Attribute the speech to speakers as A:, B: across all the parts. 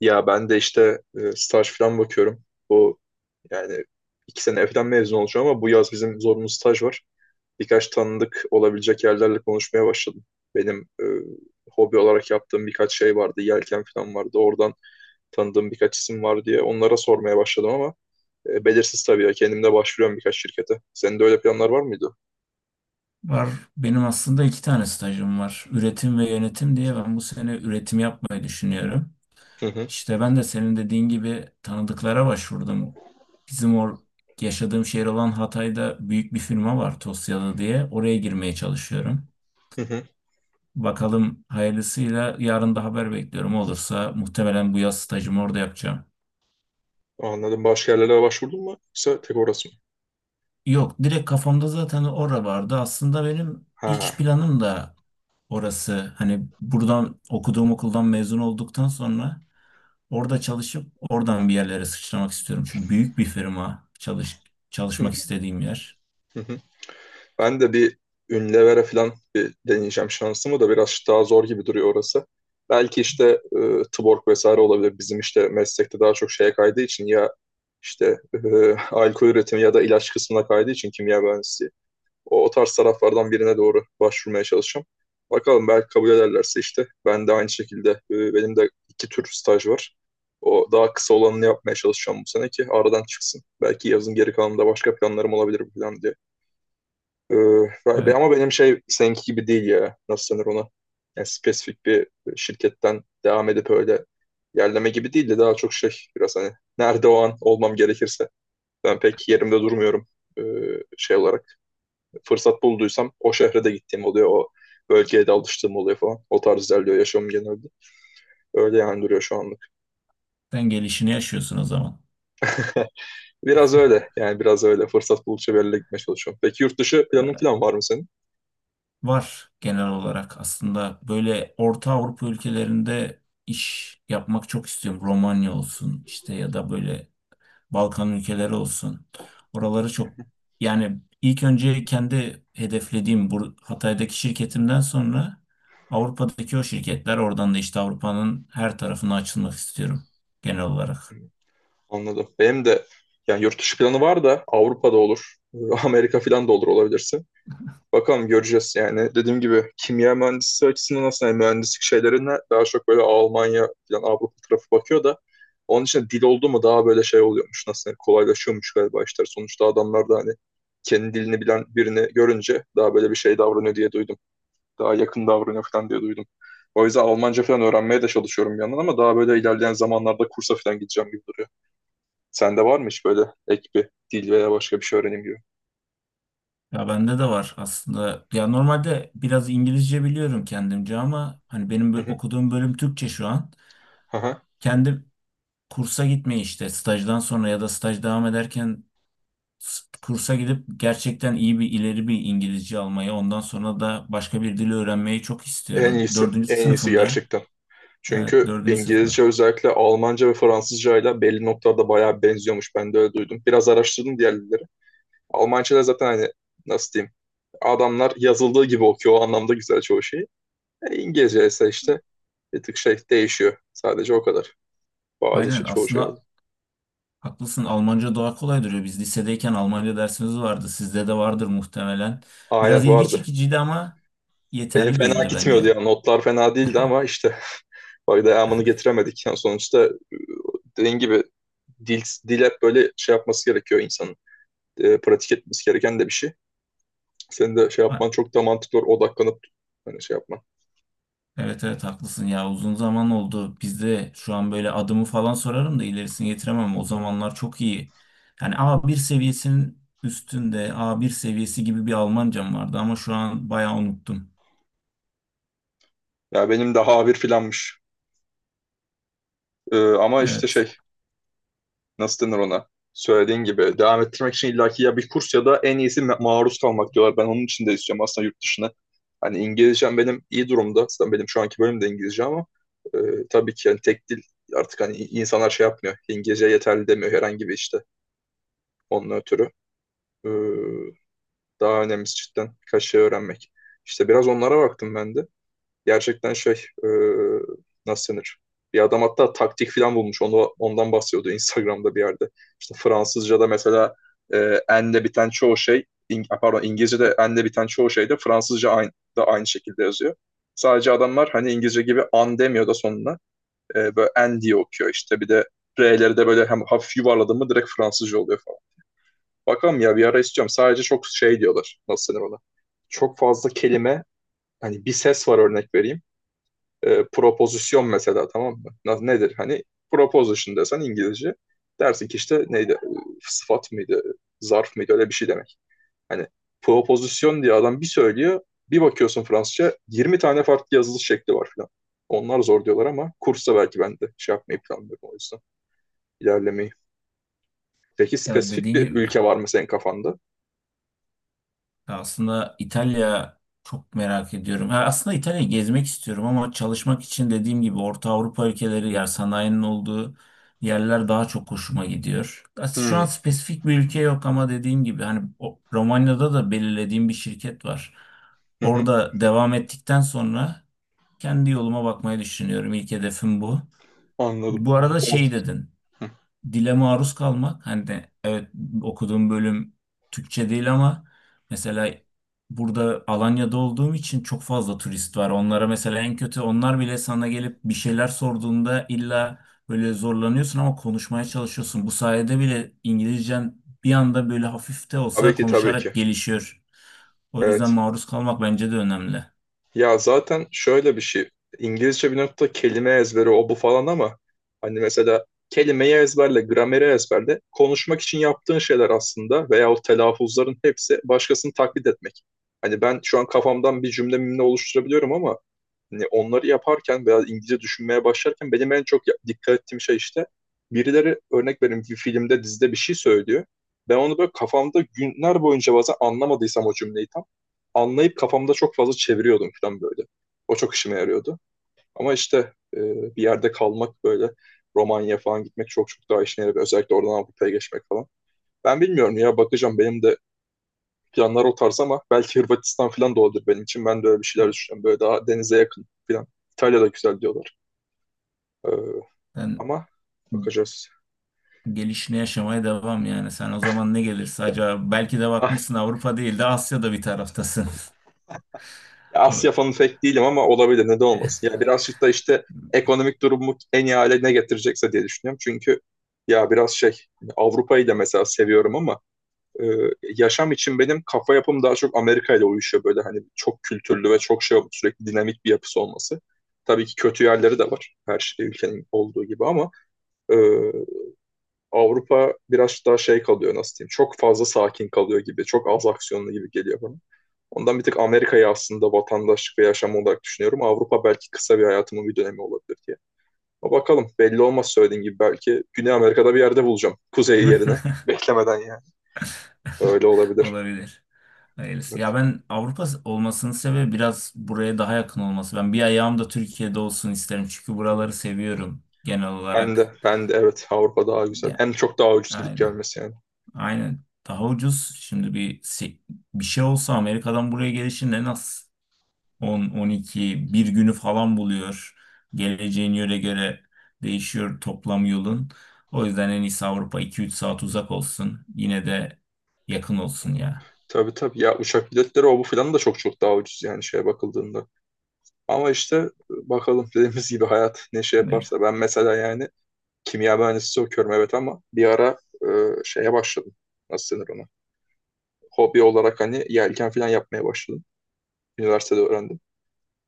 A: Ya ben de işte staj falan bakıyorum. Bu yani iki sene falan mezun olacağım ama bu yaz bizim zorunlu staj var. Birkaç tanıdık olabilecek yerlerle konuşmaya başladım. Benim hobi olarak yaptığım birkaç şey vardı. Yelken falan vardı. Oradan tanıdığım birkaç isim var diye onlara sormaya başladım ama belirsiz tabii ya. Kendim de başvuruyorum birkaç şirkete. Senin de öyle planlar var mıydı?
B: Var. Benim aslında iki tane stajım var. Üretim ve yönetim diye ben bu sene üretim yapmayı düşünüyorum.
A: Hı hı,
B: İşte ben de senin dediğin gibi tanıdıklara başvurdum. Bizim or Yaşadığım şehir olan Hatay'da büyük bir firma var, Tosyalı diye. Oraya girmeye çalışıyorum.
A: hı hı.
B: Bakalım hayırlısıyla, yarın da haber bekliyorum. Olursa muhtemelen bu yaz stajımı orada yapacağım.
A: Anladım. Başka yerlere başvurdun mu? Yoksa tek orası mı?
B: Yok, direkt kafamda zaten ora vardı. Aslında benim iş
A: Ha.
B: planım da orası. Hani buradan okuduğum okuldan mezun olduktan sonra orada çalışıp oradan bir yerlere sıçramak istiyorum. Çünkü büyük bir firma, çalışmak istediğim yer.
A: Ben de bir Unilever'e falan bir deneyeceğim şansımı, da biraz daha zor gibi duruyor orası. Belki işte Tuborg vesaire olabilir. Bizim işte meslekte daha çok şeye kaydığı için ya işte alkol üretimi ya da ilaç kısmına kaydığı için kimya mühendisliği. O tarz taraflardan birine doğru başvurmaya çalışacağım. Bakalım belki kabul ederlerse işte ben de aynı şekilde benim de iki tür staj var. O daha kısa olanını yapmaya çalışacağım bu sene ki aradan çıksın. Belki yazın geri kalanında başka planlarım olabilir bu plan diye. Ee,
B: Evet.
A: ama benim şey seninki gibi değil ya. Nasıl denir ona? Yani spesifik bir şirketten devam edip öyle yerleme gibi değil de daha çok şey biraz hani nerede o an olmam gerekirse. Ben pek yerimde durmuyorum ee, şey olarak. Fırsat bulduysam o şehre de gittiğim oluyor. O bölgeye de alıştığım oluyor falan. O tarz ilerliyor yaşamım genelde. Öyle yani duruyor şu anlık.
B: Sen gelişini yaşıyorsun o zaman.
A: Biraz öyle yani biraz öyle. Fırsat buldukça bir yerlere gitmeye çalışıyorum. Peki yurt dışı planın
B: Ee,
A: falan var mı senin?
B: Var genel olarak. Aslında böyle Orta Avrupa ülkelerinde iş yapmak çok istiyorum. Romanya olsun işte, ya da böyle Balkan ülkeleri olsun. Oraları çok, yani ilk önce kendi hedeflediğim bu Hatay'daki şirketimden sonra Avrupa'daki o şirketler, oradan da işte Avrupa'nın her tarafına açılmak istiyorum genel olarak.
A: Anladım. Benim de yani yurt dışı planı var da Avrupa'da olur. Amerika falan da olur olabilirsin. Bakalım göreceğiz yani. Dediğim gibi kimya mühendisi açısından aslında yani mühendislik şeylerine daha çok böyle Almanya falan Avrupa tarafı bakıyor da onun için dil oldu mu daha böyle şey oluyormuş. Nasıl yani kolaylaşıyormuş galiba işler. Sonuçta adamlar da hani kendi dilini bilen birini görünce daha böyle bir şey davranıyor diye duydum. Daha yakın davranıyor falan diye duydum. O yüzden Almanca falan öğrenmeye de çalışıyorum bir yandan ama daha böyle ilerleyen zamanlarda kursa falan gideceğim gibi duruyor. Sende var mı hiç böyle ek bir dil veya başka bir şey öğrenim gibi?
B: Ya bende de var aslında. Ya normalde biraz İngilizce biliyorum kendimce, ama hani benim
A: Hı hı.
B: okuduğum bölüm Türkçe şu an.
A: Aha.
B: Kendi kursa gitmeyi işte stajdan sonra ya da staj devam ederken kursa gidip gerçekten iyi bir, ileri bir İngilizce almayı, ondan sonra da başka bir dili öğrenmeyi çok
A: En
B: istiyorum.
A: iyisi.
B: Dördüncü
A: En iyisi
B: sınıfımda.
A: gerçekten.
B: Evet,
A: Çünkü
B: dördüncü
A: İngilizce
B: sınıfta.
A: özellikle Almanca ve Fransızca ile belli noktalarda bayağı benziyormuş. Ben de öyle duydum. Biraz araştırdım diğer dilleri. Almanca'da zaten hani nasıl diyeyim? Adamlar yazıldığı gibi okuyor. O anlamda güzel çoğu şeyi. İngilizce ise işte bir tık şey değişiyor. Sadece o kadar. Bazı şey,
B: Aynen,
A: çoğu şey öyle.
B: aslında haklısın. Almanca daha kolay duruyor. Biz lisedeyken Almanca dersimiz vardı. Sizde de vardır muhtemelen. Biraz
A: Aynen
B: ilgi
A: vardı.
B: çekiciydi ama
A: Benim
B: yeterli
A: fena
B: değildi
A: gitmiyordu ya.
B: bence.
A: Notlar fena değildi ama işte bak devamını getiremedik. Yani sonuçta dediğin gibi dil, dil hep böyle şey yapması gerekiyor insanın. Pratik etmesi gereken de bir şey. Senin de şey yapman
B: Ha,
A: çok da mantıklı olur. Odaklanıp hani şey yapman.
B: evet evet, haklısın ya. Uzun zaman oldu. Bizde şu an böyle adımı falan sorarım da ilerisini getiremem. O zamanlar çok iyi. Yani A bir seviyesinin üstünde, A bir seviyesi gibi bir Almancam vardı, ama şu an bayağı unuttum.
A: Ya benim daha A1 filanmış. Ama işte
B: Evet.
A: şey nasıl denir ona? Söylediğin gibi devam ettirmek için illaki ya bir kurs ya da en iyisi maruz kalmak diyorlar. Ben onun için de istiyorum aslında yurt dışına. Hani İngilizcem benim iyi durumda. Aslında benim şu anki bölüm de İngilizce ama e, tabii ki yani tek dil artık hani insanlar şey yapmıyor. İngilizce yeterli demiyor herhangi bir işte onun ötürü. E, Daha önemlisi cidden birkaç şey öğrenmek. İşte biraz onlara baktım ben de. Gerçekten şey nasıl denir? Bir adam hatta taktik falan bulmuş. Ondan bahsediyordu Instagram'da bir yerde. İşte Fransızca'da mesela e, enle biten çoğu şey pardon, İngilizce'de enle biten çoğu şey de Fransızca da aynı şekilde yazıyor. Sadece adamlar hani İngilizce gibi an demiyor da sonuna. Böyle en diye okuyor işte. Bir de R'leri de böyle hem hafif yuvarladım mı direkt Fransızca oluyor falan. Bakalım ya bir ara isteyeceğim. Sadece çok şey diyorlar. Nasıl denir ona? Çok fazla kelime hani bir ses var örnek vereyim. Propozisyon mesela, tamam mı? Nedir? Hani proposition desen İngilizce dersin ki işte neydi? Sıfat mıydı? Zarf mıydı? Öyle bir şey demek. Hani propozisyon diye adam bir söylüyor. Bir bakıyorsun Fransızca 20 tane farklı yazılış şekli var falan. Onlar zor diyorlar ama kursa belki ben de şey yapmayı planlıyorum o yüzden. İlerlemeyi. Peki
B: Ya,
A: spesifik
B: dediğin
A: bir
B: gibi.
A: ülke var mı senin kafanda?
B: Ya aslında İtalya çok merak ediyorum. Ha, aslında İtalya'yı gezmek istiyorum, ama çalışmak için dediğim gibi Orta Avrupa ülkeleri, yer sanayinin olduğu yerler daha çok hoşuma gidiyor. Aslında şu an
A: Hmm.
B: spesifik bir ülke yok, ama dediğim gibi hani Romanya'da da belirlediğim bir şirket var.
A: Hı hı.
B: Orada devam ettikten sonra kendi yoluma bakmayı düşünüyorum. İlk hedefim bu.
A: Anladım.
B: Bu arada
A: Orta.
B: şey dedin,
A: Hı.
B: dile maruz kalmak hani, de evet, okuduğum bölüm Türkçe değil ama mesela burada Alanya'da olduğum için çok fazla turist var. Onlara mesela en kötü onlar bile sana gelip bir şeyler sorduğunda illa böyle zorlanıyorsun ama konuşmaya çalışıyorsun. Bu sayede bile İngilizcen bir anda böyle, hafif de
A: Tabii
B: olsa,
A: ki, tabii ki.
B: konuşarak gelişiyor. O yüzden
A: Evet.
B: maruz kalmak bence de önemli.
A: Ya zaten şöyle bir şey. İngilizce bir nokta kelime ezberi o bu falan ama hani mesela kelimeyi ezberle, grameri ezberle. Konuşmak için yaptığın şeyler aslında veya o telaffuzların hepsi başkasını taklit etmek. Hani ben şu an kafamdan bir cümle mimle oluşturabiliyorum ama hani onları yaparken veya İngilizce düşünmeye başlarken benim en çok dikkat ettiğim şey işte birileri örnek vereyim bir filmde dizide bir şey söylüyor. Ben onu böyle kafamda günler boyunca bazen anlamadıysam o cümleyi tam anlayıp kafamda çok fazla çeviriyordum falan böyle. O çok işime yarıyordu. Ama işte bir yerde kalmak böyle Romanya falan gitmek çok çok daha işine yarıyor. Özellikle oradan Avrupa'ya geçmek falan. Ben bilmiyorum ya bakacağım, benim de planlar o tarz ama belki Hırvatistan falan da olabilir benim için. Ben de öyle bir şeyler düşünüyorum. Böyle daha denize yakın falan. İtalya güzel diyorlar. Ee,
B: Ben
A: ama bakacağız.
B: gelişini yaşamaya devam yani. Sen o zaman ne gelirse,
A: Ya,
B: acaba belki de
A: ah,
B: bakmışsın Avrupa değil de Asya'da bir taraftasın.
A: ya Asya fanı pek değilim ama olabilir. Neden olmasın? Ya birazcık da işte ekonomik durumu en iyi hale ne getirecekse diye düşünüyorum. Çünkü ya biraz şey hani Avrupa'yı da mesela seviyorum ama e, yaşam için benim kafa yapım daha çok Amerika ile uyuşuyor, böyle hani çok kültürlü ve çok şey sürekli dinamik bir yapısı olması. Tabii ki kötü yerleri de var her şey ülkenin olduğu gibi ama e, Avrupa biraz daha şey kalıyor, nasıl diyeyim, çok fazla sakin kalıyor gibi, çok az aksiyonlu gibi geliyor bana. Ondan bir tık Amerika'yı aslında vatandaşlık ve yaşam olarak düşünüyorum. Avrupa belki kısa bir hayatımın bir dönemi olabilir diye. Ama bakalım belli olmaz, söylediğin gibi belki Güney Amerika'da bir yerde bulacağım. Kuzey yerine. Beklemeden yani. Öyle olabilir.
B: Olabilir. Hayırlısı. Ya,
A: Evet.
B: ben Avrupa olmasının sebebi biraz buraya daha yakın olması. Ben bir ayağım da Türkiye'de olsun isterim. Çünkü buraları seviyorum genel olarak.
A: Ben de evet, Avrupa daha güzel.
B: Ya,
A: Hem çok daha ucuz gidip
B: aynen.
A: gelmesi yani.
B: Aynen. Daha ucuz. Şimdi bir şey olsa Amerika'dan buraya gelişin en az 10, 12, bir günü falan buluyor. Geleceğin yöre göre değişiyor, toplam yolun. O yüzden en iyisi Avrupa 2-3 saat uzak olsun. Yine de yakın olsun ya.
A: Tabii tabii, ya uçak biletleri o bu filan da çok çok daha ucuz yani şeye bakıldığında. Ama işte bakalım dediğimiz gibi hayat ne şey
B: Evet.
A: yaparsa. Ben mesela yani kimya mühendisi okuyorum evet ama bir ara e, şeye başladım. Nasıl denir ona? Hobi olarak hani yelken falan yapmaya başladım. Üniversitede öğrendim.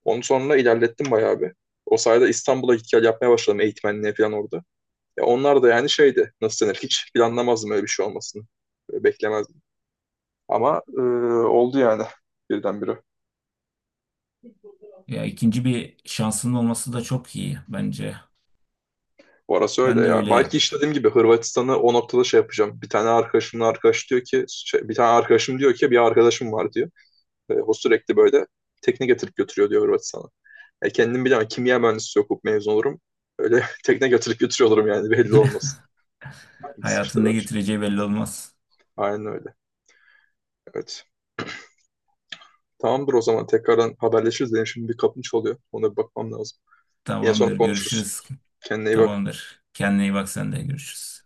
A: Onun sonra ilerlettim bayağı bir. O sayede İstanbul'a git gel yapmaya başladım eğitmenliğe falan orada. Ya onlar da yani şeydi, nasıl denir, hiç planlamazdım öyle bir şey olmasını. Böyle beklemezdim. Ama oldu yani birdenbire.
B: Ya, ikinci bir şansının olması da çok iyi bence.
A: Orası öyle
B: Ben de
A: ya. Belki
B: öyle,
A: işte dediğim gibi Hırvatistan'ı o noktada şey yapacağım. Bir tane arkadaşım diyor ki bir arkadaşım var diyor. O sürekli böyle tekne getirip götürüyor diyor Hırvatistan'a. Kendim bilemem. Kimya mühendisi okup mezun olurum. Öyle tekne getirip götürüyor olurum yani belli olmaz. Hangisi işte
B: hayatın ne
A: daha şey.
B: getireceği belli olmaz.
A: Aynen öyle. Evet. Tamamdır, o zaman tekrardan haberleşiriz. Benim şimdi bir kapım çalıyor. Ona bir bakmam lazım. Yine sonra
B: Tamamdır,
A: konuşuruz.
B: görüşürüz.
A: Kendine iyi bak.
B: Tamamdır. Kendine iyi bak, sen de görüşürüz.